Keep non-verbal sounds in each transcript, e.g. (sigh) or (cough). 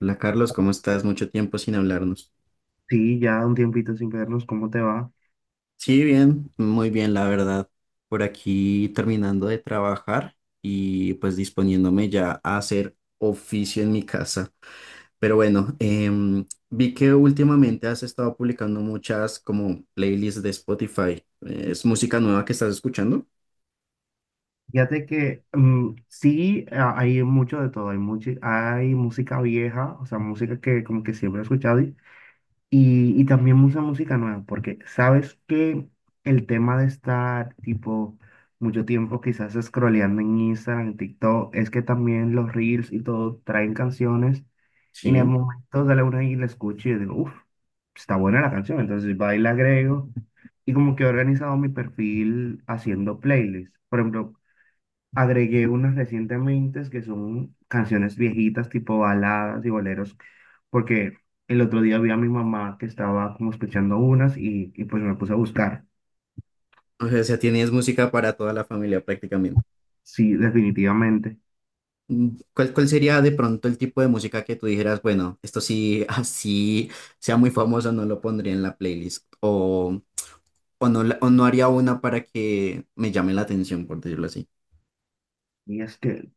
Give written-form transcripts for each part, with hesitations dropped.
Hola Carlos, ¿cómo estás? Mucho tiempo sin hablarnos. Sí, ya un tiempito sin vernos, ¿cómo te va? Sí, bien, muy bien, la verdad. Por aquí terminando de trabajar y pues disponiéndome ya a hacer oficio en mi casa. Pero bueno, vi que últimamente has estado publicando muchas como playlists de Spotify. ¿Es música nueva que estás escuchando? Fíjate que sí, hay mucho de todo, hay música vieja, o sea, música que como que siempre he escuchado. Y también mucha música nueva, porque sabes que el tema de estar tipo mucho tiempo quizás scrolleando en Instagram, en TikTok, es que también los reels y todo traen canciones y en el Sí. momento de la una y la escucho y yo digo, uff, está buena la canción, entonces va y la agrego y como que he organizado mi perfil haciendo playlists. Por ejemplo, agregué unas recientemente que son canciones viejitas, tipo baladas y boleros, porque el otro día vi a mi mamá que estaba como escuchando unas y pues me puse a buscar. O sea, tienes música para toda la familia prácticamente. Sí, definitivamente. ¿Cuál, cuál sería de pronto el tipo de música que tú dijeras, bueno, esto sí, (laughs) así sea muy famoso, no lo pondría en la playlist? O, no, o no haría una para que me llame la atención, por decirlo así. Y es que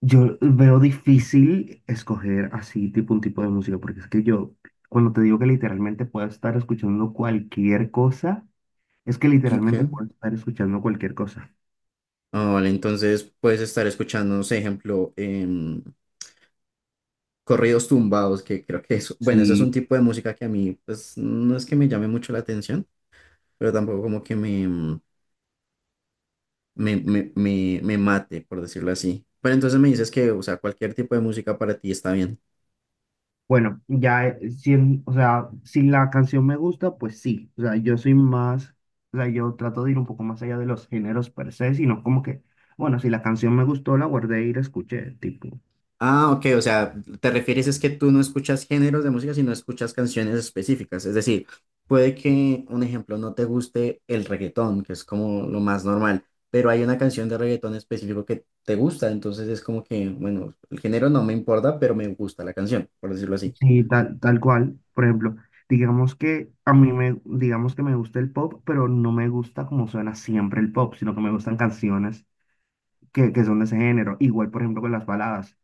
yo veo difícil escoger así tipo un tipo de música, porque es que yo, cuando te digo que literalmente puedo estar escuchando cualquier cosa, es que literalmente Okay. puedo estar escuchando cualquier cosa. Ah, vale, entonces puedes estar escuchando, no sé, ejemplo, corridos tumbados, que creo que es, bueno, eso es Sí. un tipo de música que a mí, pues, no es que me llame mucho la atención, pero tampoco como que me mate, por decirlo así. Pero entonces me dices que, o sea, cualquier tipo de música para ti está bien. Bueno, ya, o sea, si la canción me gusta, pues sí. O sea, yo soy más, o sea, yo trato de ir un poco más allá de los géneros per se, sino como que, bueno, si la canción me gustó, la guardé y la escuché, tipo. Ah, ok, o sea, te refieres es que tú no escuchas géneros de música, sino escuchas canciones específicas. Es decir, puede que, un ejemplo, no te guste el reggaetón, que es como lo más normal, pero hay una canción de reggaetón específico que te gusta, entonces es como que, bueno, el género no me importa, pero me gusta la canción, por decirlo así. Sí, tal, tal cual. Por ejemplo, digamos que me gusta el pop, pero no me gusta como suena siempre el pop, sino que me gustan canciones que son de ese género. Igual, por ejemplo, con las baladas.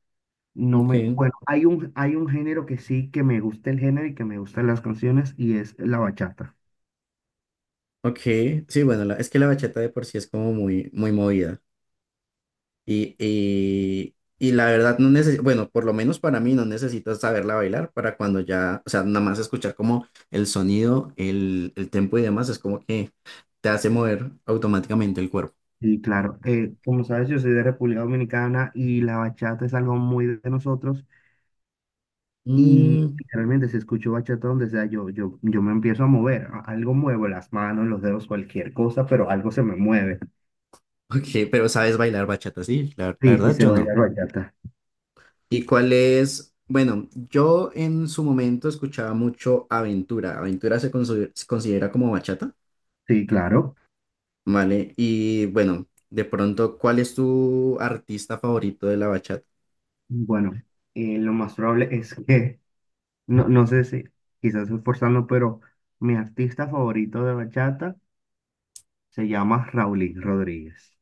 No Ok, me, bueno, hay un género que sí que me gusta el género y que me gustan las canciones y es la bachata. ok, sí, bueno, es que la bachata de por sí es como muy, muy movida. Y, y, y la verdad no necesito, bueno, por lo menos para mí no necesitas saberla bailar para cuando ya, o sea, nada más escuchar como el sonido, el tempo y demás, es como que te hace mover automáticamente el cuerpo. Y claro, como sabes, yo soy de República Dominicana y la bachata es algo muy de nosotros. Y Mm, realmente si escucho bachata donde sea, yo me empiezo a mover. Algo muevo, las manos, los dedos, cualquier cosa, pero algo se me mueve. ok, pero sabes bailar bachata, sí, la Sí, sí, verdad se yo no. baila bachata. ¿Y cuál es? Bueno, yo en su momento escuchaba mucho Aventura. Aventura se considera como bachata, Sí, claro. ¿vale? Y bueno, de pronto, ¿cuál es tu artista favorito de la bachata? Bueno, lo más probable es que, no, no sé si quizás esforzando, pero mi artista favorito de bachata. Se llama Raulín Rodríguez.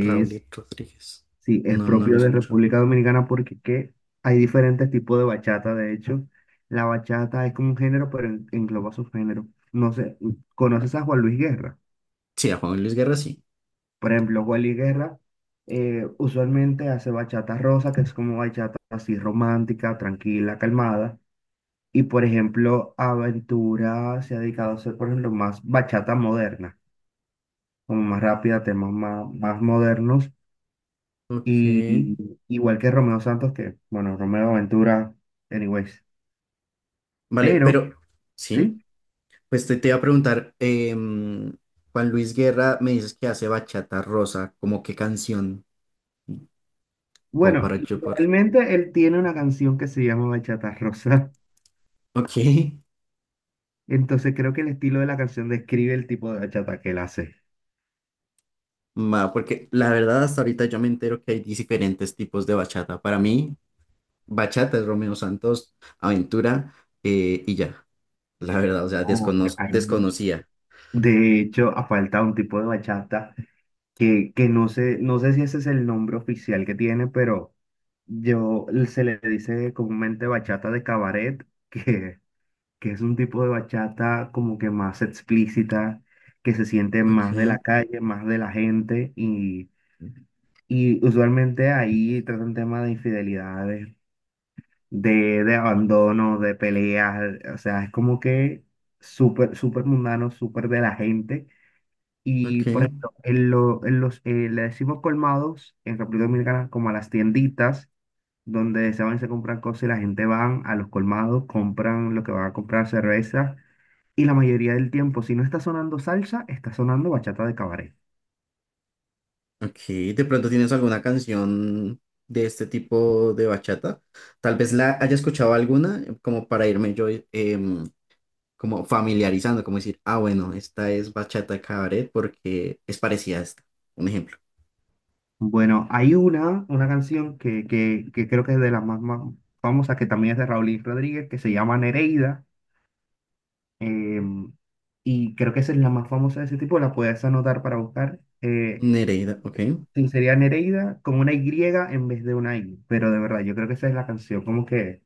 Raúl Rodríguez. sí, es No, no lo propio de escucho. República Dominicana porque ¿qué? Hay diferentes tipos de bachata. De hecho, la bachata es como un género, pero engloba subgéneros. No sé, ¿conoces a Juan Luis Guerra? Sí, a Juan Luis Guerra sí. Por ejemplo, Juan Luis Guerra usualmente hace bachata rosa, que es como bachata así romántica, tranquila, calmada. Y por ejemplo, Aventura se ha dedicado a hacer, por ejemplo, más bachata moderna, como más rápida, temas más modernos. Ok. Y, igual que Romeo Santos, que, bueno, Romeo Ventura, anyways. Vale, Pero, pero sí, sí, pues te iba a preguntar, Juan Luis Guerra me dices que hace bachata rosa, ¿como qué canción? Como bueno, para y yo por... realmente él tiene una canción que se llama Bachata Rosa. Ok, (laughs) Entonces creo que el estilo de la canción describe el tipo de bachata que él hace. va, porque la verdad hasta ahorita yo me entero que hay diferentes tipos de bachata. Para mí, bachata es Romeo Santos, Aventura, y ya. La verdad, o sea, Oh, hay mucho. desconocía. De hecho, ha faltado un tipo de bachata que no sé, no sé si ese es el nombre oficial que tiene, pero yo se le dice comúnmente bachata de cabaret, (laughs) que es un tipo de bachata como que más explícita, que se siente Ok, más de la calle, más de la gente y usualmente ahí tratan temas de infidelidades, de abandono, de peleas, o sea, es como que súper, súper mundano, súper de la gente. Y ok. por ejemplo, en los, le decimos colmados en República Dominicana como a las tienditas donde se van y se compran cosas y la gente van a los colmados, compran lo que van a comprar, cerveza y la mayoría del tiempo, si no está sonando salsa, está sonando bachata de cabaret. Ok, de pronto tienes alguna canción de este tipo de bachata. Tal vez la haya escuchado alguna, como para irme yo como familiarizando, como decir, ah, bueno, esta es bachata cabaret porque es parecida a esta. Un ejemplo. Bueno, una canción que creo que es de las más, más famosas, que también es de Raúl y Rodríguez, que se llama Nereida. em, y creo que esa es la más famosa de ese tipo, la puedes anotar para buscar. Nereida, ok. Sí, sería Nereida con una Y en vez de una I. Pero de verdad, yo creo que esa es la canción como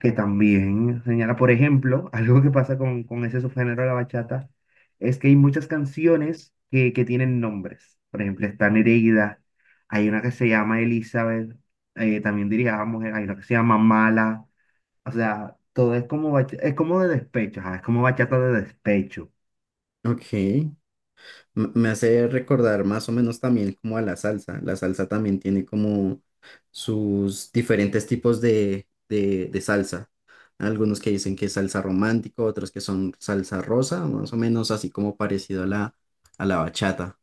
que también señala, por ejemplo, (laughs) algo que pasa con ese subgénero de la bachata, es que hay muchas canciones que tienen nombres. Por ejemplo, está Nereida, hay una que se llama Elizabeth, también diría mujer, hay una que se llama Mala, o sea, todo es como, es como de despecho, ajá, es como bachata de despecho. Ok. Me hace recordar más o menos también como a la salsa. La salsa también tiene como sus diferentes tipos de salsa. Algunos que dicen que es salsa romántico, otros que son salsa rosa, más o menos así como parecido a a la bachata.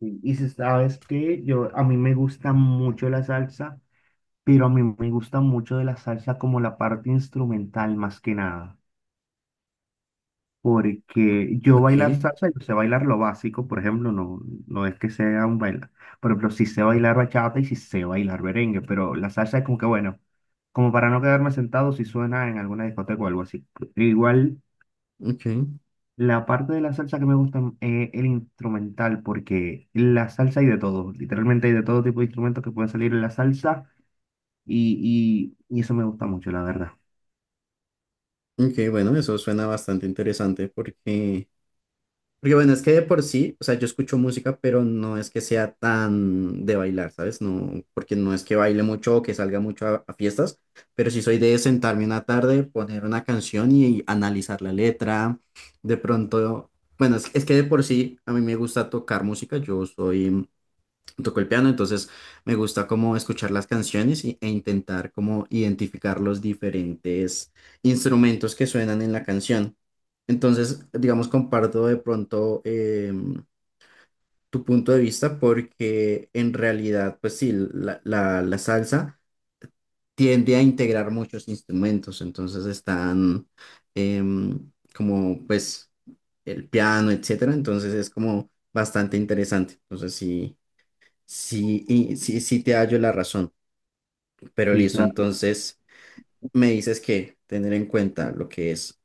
Y si sabes que yo, a mí me gusta mucho la salsa, pero a mí me gusta mucho de la salsa como la parte instrumental más que nada. Porque yo Ok, bailar salsa, yo sé bailar lo básico, por ejemplo, no, no es que sea un bailar. Por ejemplo, sí sé bailar bachata y sí sé bailar merengue, pero la salsa es como que bueno, como para no quedarme sentado si suena en alguna discoteca o algo así. E igual, ok, la parte de la salsa que me gusta es el instrumental, porque la salsa hay de todo, literalmente hay de todo tipo de instrumentos que pueden salir en la salsa y eso me gusta mucho, la verdad. ok, bueno, eso suena bastante interesante porque. Porque bueno, es que de por sí, o sea, yo escucho música, pero no es que sea tan de bailar, ¿sabes? No, porque no es que baile mucho o que salga mucho a fiestas, pero sí soy de sentarme una tarde, poner una canción y analizar la letra. De pronto, bueno, es que de por sí a mí me gusta tocar música, yo soy, toco el piano, entonces me gusta como escuchar las canciones e intentar como identificar los diferentes instrumentos que suenan en la canción. Entonces, digamos, comparto de pronto tu punto de vista porque en realidad, pues sí, la salsa tiende a integrar muchos instrumentos, entonces están como pues el piano, etcétera, entonces es como bastante interesante. Entonces, sí. Sí, y sí, sí te hallo la razón, pero Sí, listo, claro. entonces me dices que tener en cuenta lo que es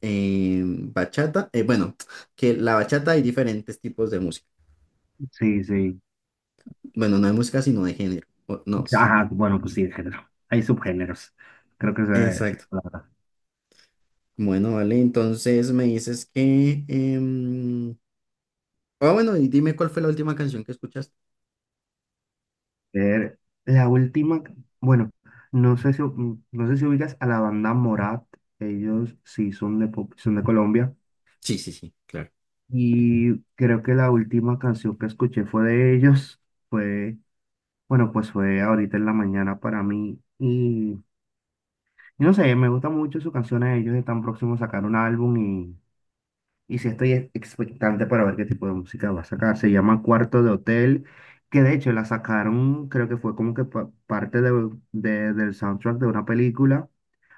bachata, bueno, que la bachata hay diferentes tipos de música, Sí, sí. bueno, no de música, sino de género, no, Ajá, bueno, pues sí, de género. Hay subgéneros. Creo que esa es exacto, la palabra. bueno, vale, entonces me dices que, ah, bueno, y dime cuál fue la última canción que escuchaste. Ver, la última, bueno, no sé si, no sé si ubicas a la banda Morat. Ellos sí son de, son de Colombia. Sí, sí, sí, claro. Y creo que la última canción que escuché fue de ellos. Fue, bueno, pues fue ahorita en la mañana para mí. Y no sé, me gusta mucho su canción a ellos. Están próximos a sacar un álbum y sí estoy expectante para ver qué tipo de música va a sacar. Se llama Cuarto de Hotel, que de hecho la sacaron, creo que fue como que parte del soundtrack de una película,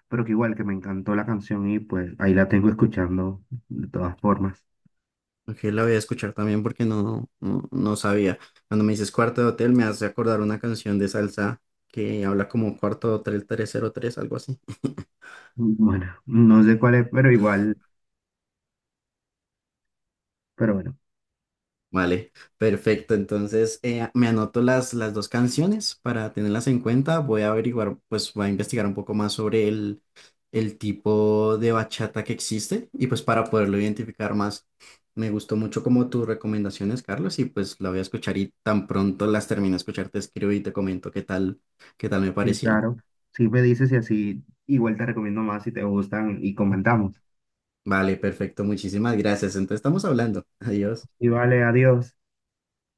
pero que igual que me encantó la canción y pues ahí la tengo escuchando de todas formas. Ok, la voy a escuchar también porque no, no, no sabía. Cuando me dices cuarto de hotel, me hace acordar una canción de salsa que habla como cuarto de hotel 303, algo así. Bueno, no sé cuál es, pero igual, pero bueno, Vale, perfecto. Entonces, me anoto las dos canciones para tenerlas en cuenta. Voy a averiguar, pues voy a investigar un poco más sobre el tipo de bachata que existe y pues para poderlo identificar más. Me gustó mucho como tus recomendaciones, Carlos, y pues la voy a escuchar y tan pronto las termine de escuchar, te escribo y te comento qué tal me sí, parecieron. claro. Si me dices y así, igual te recomiendo más si te gustan y comentamos. Vale, perfecto. Muchísimas gracias. Entonces, estamos hablando. Adiós. Y vale, adiós.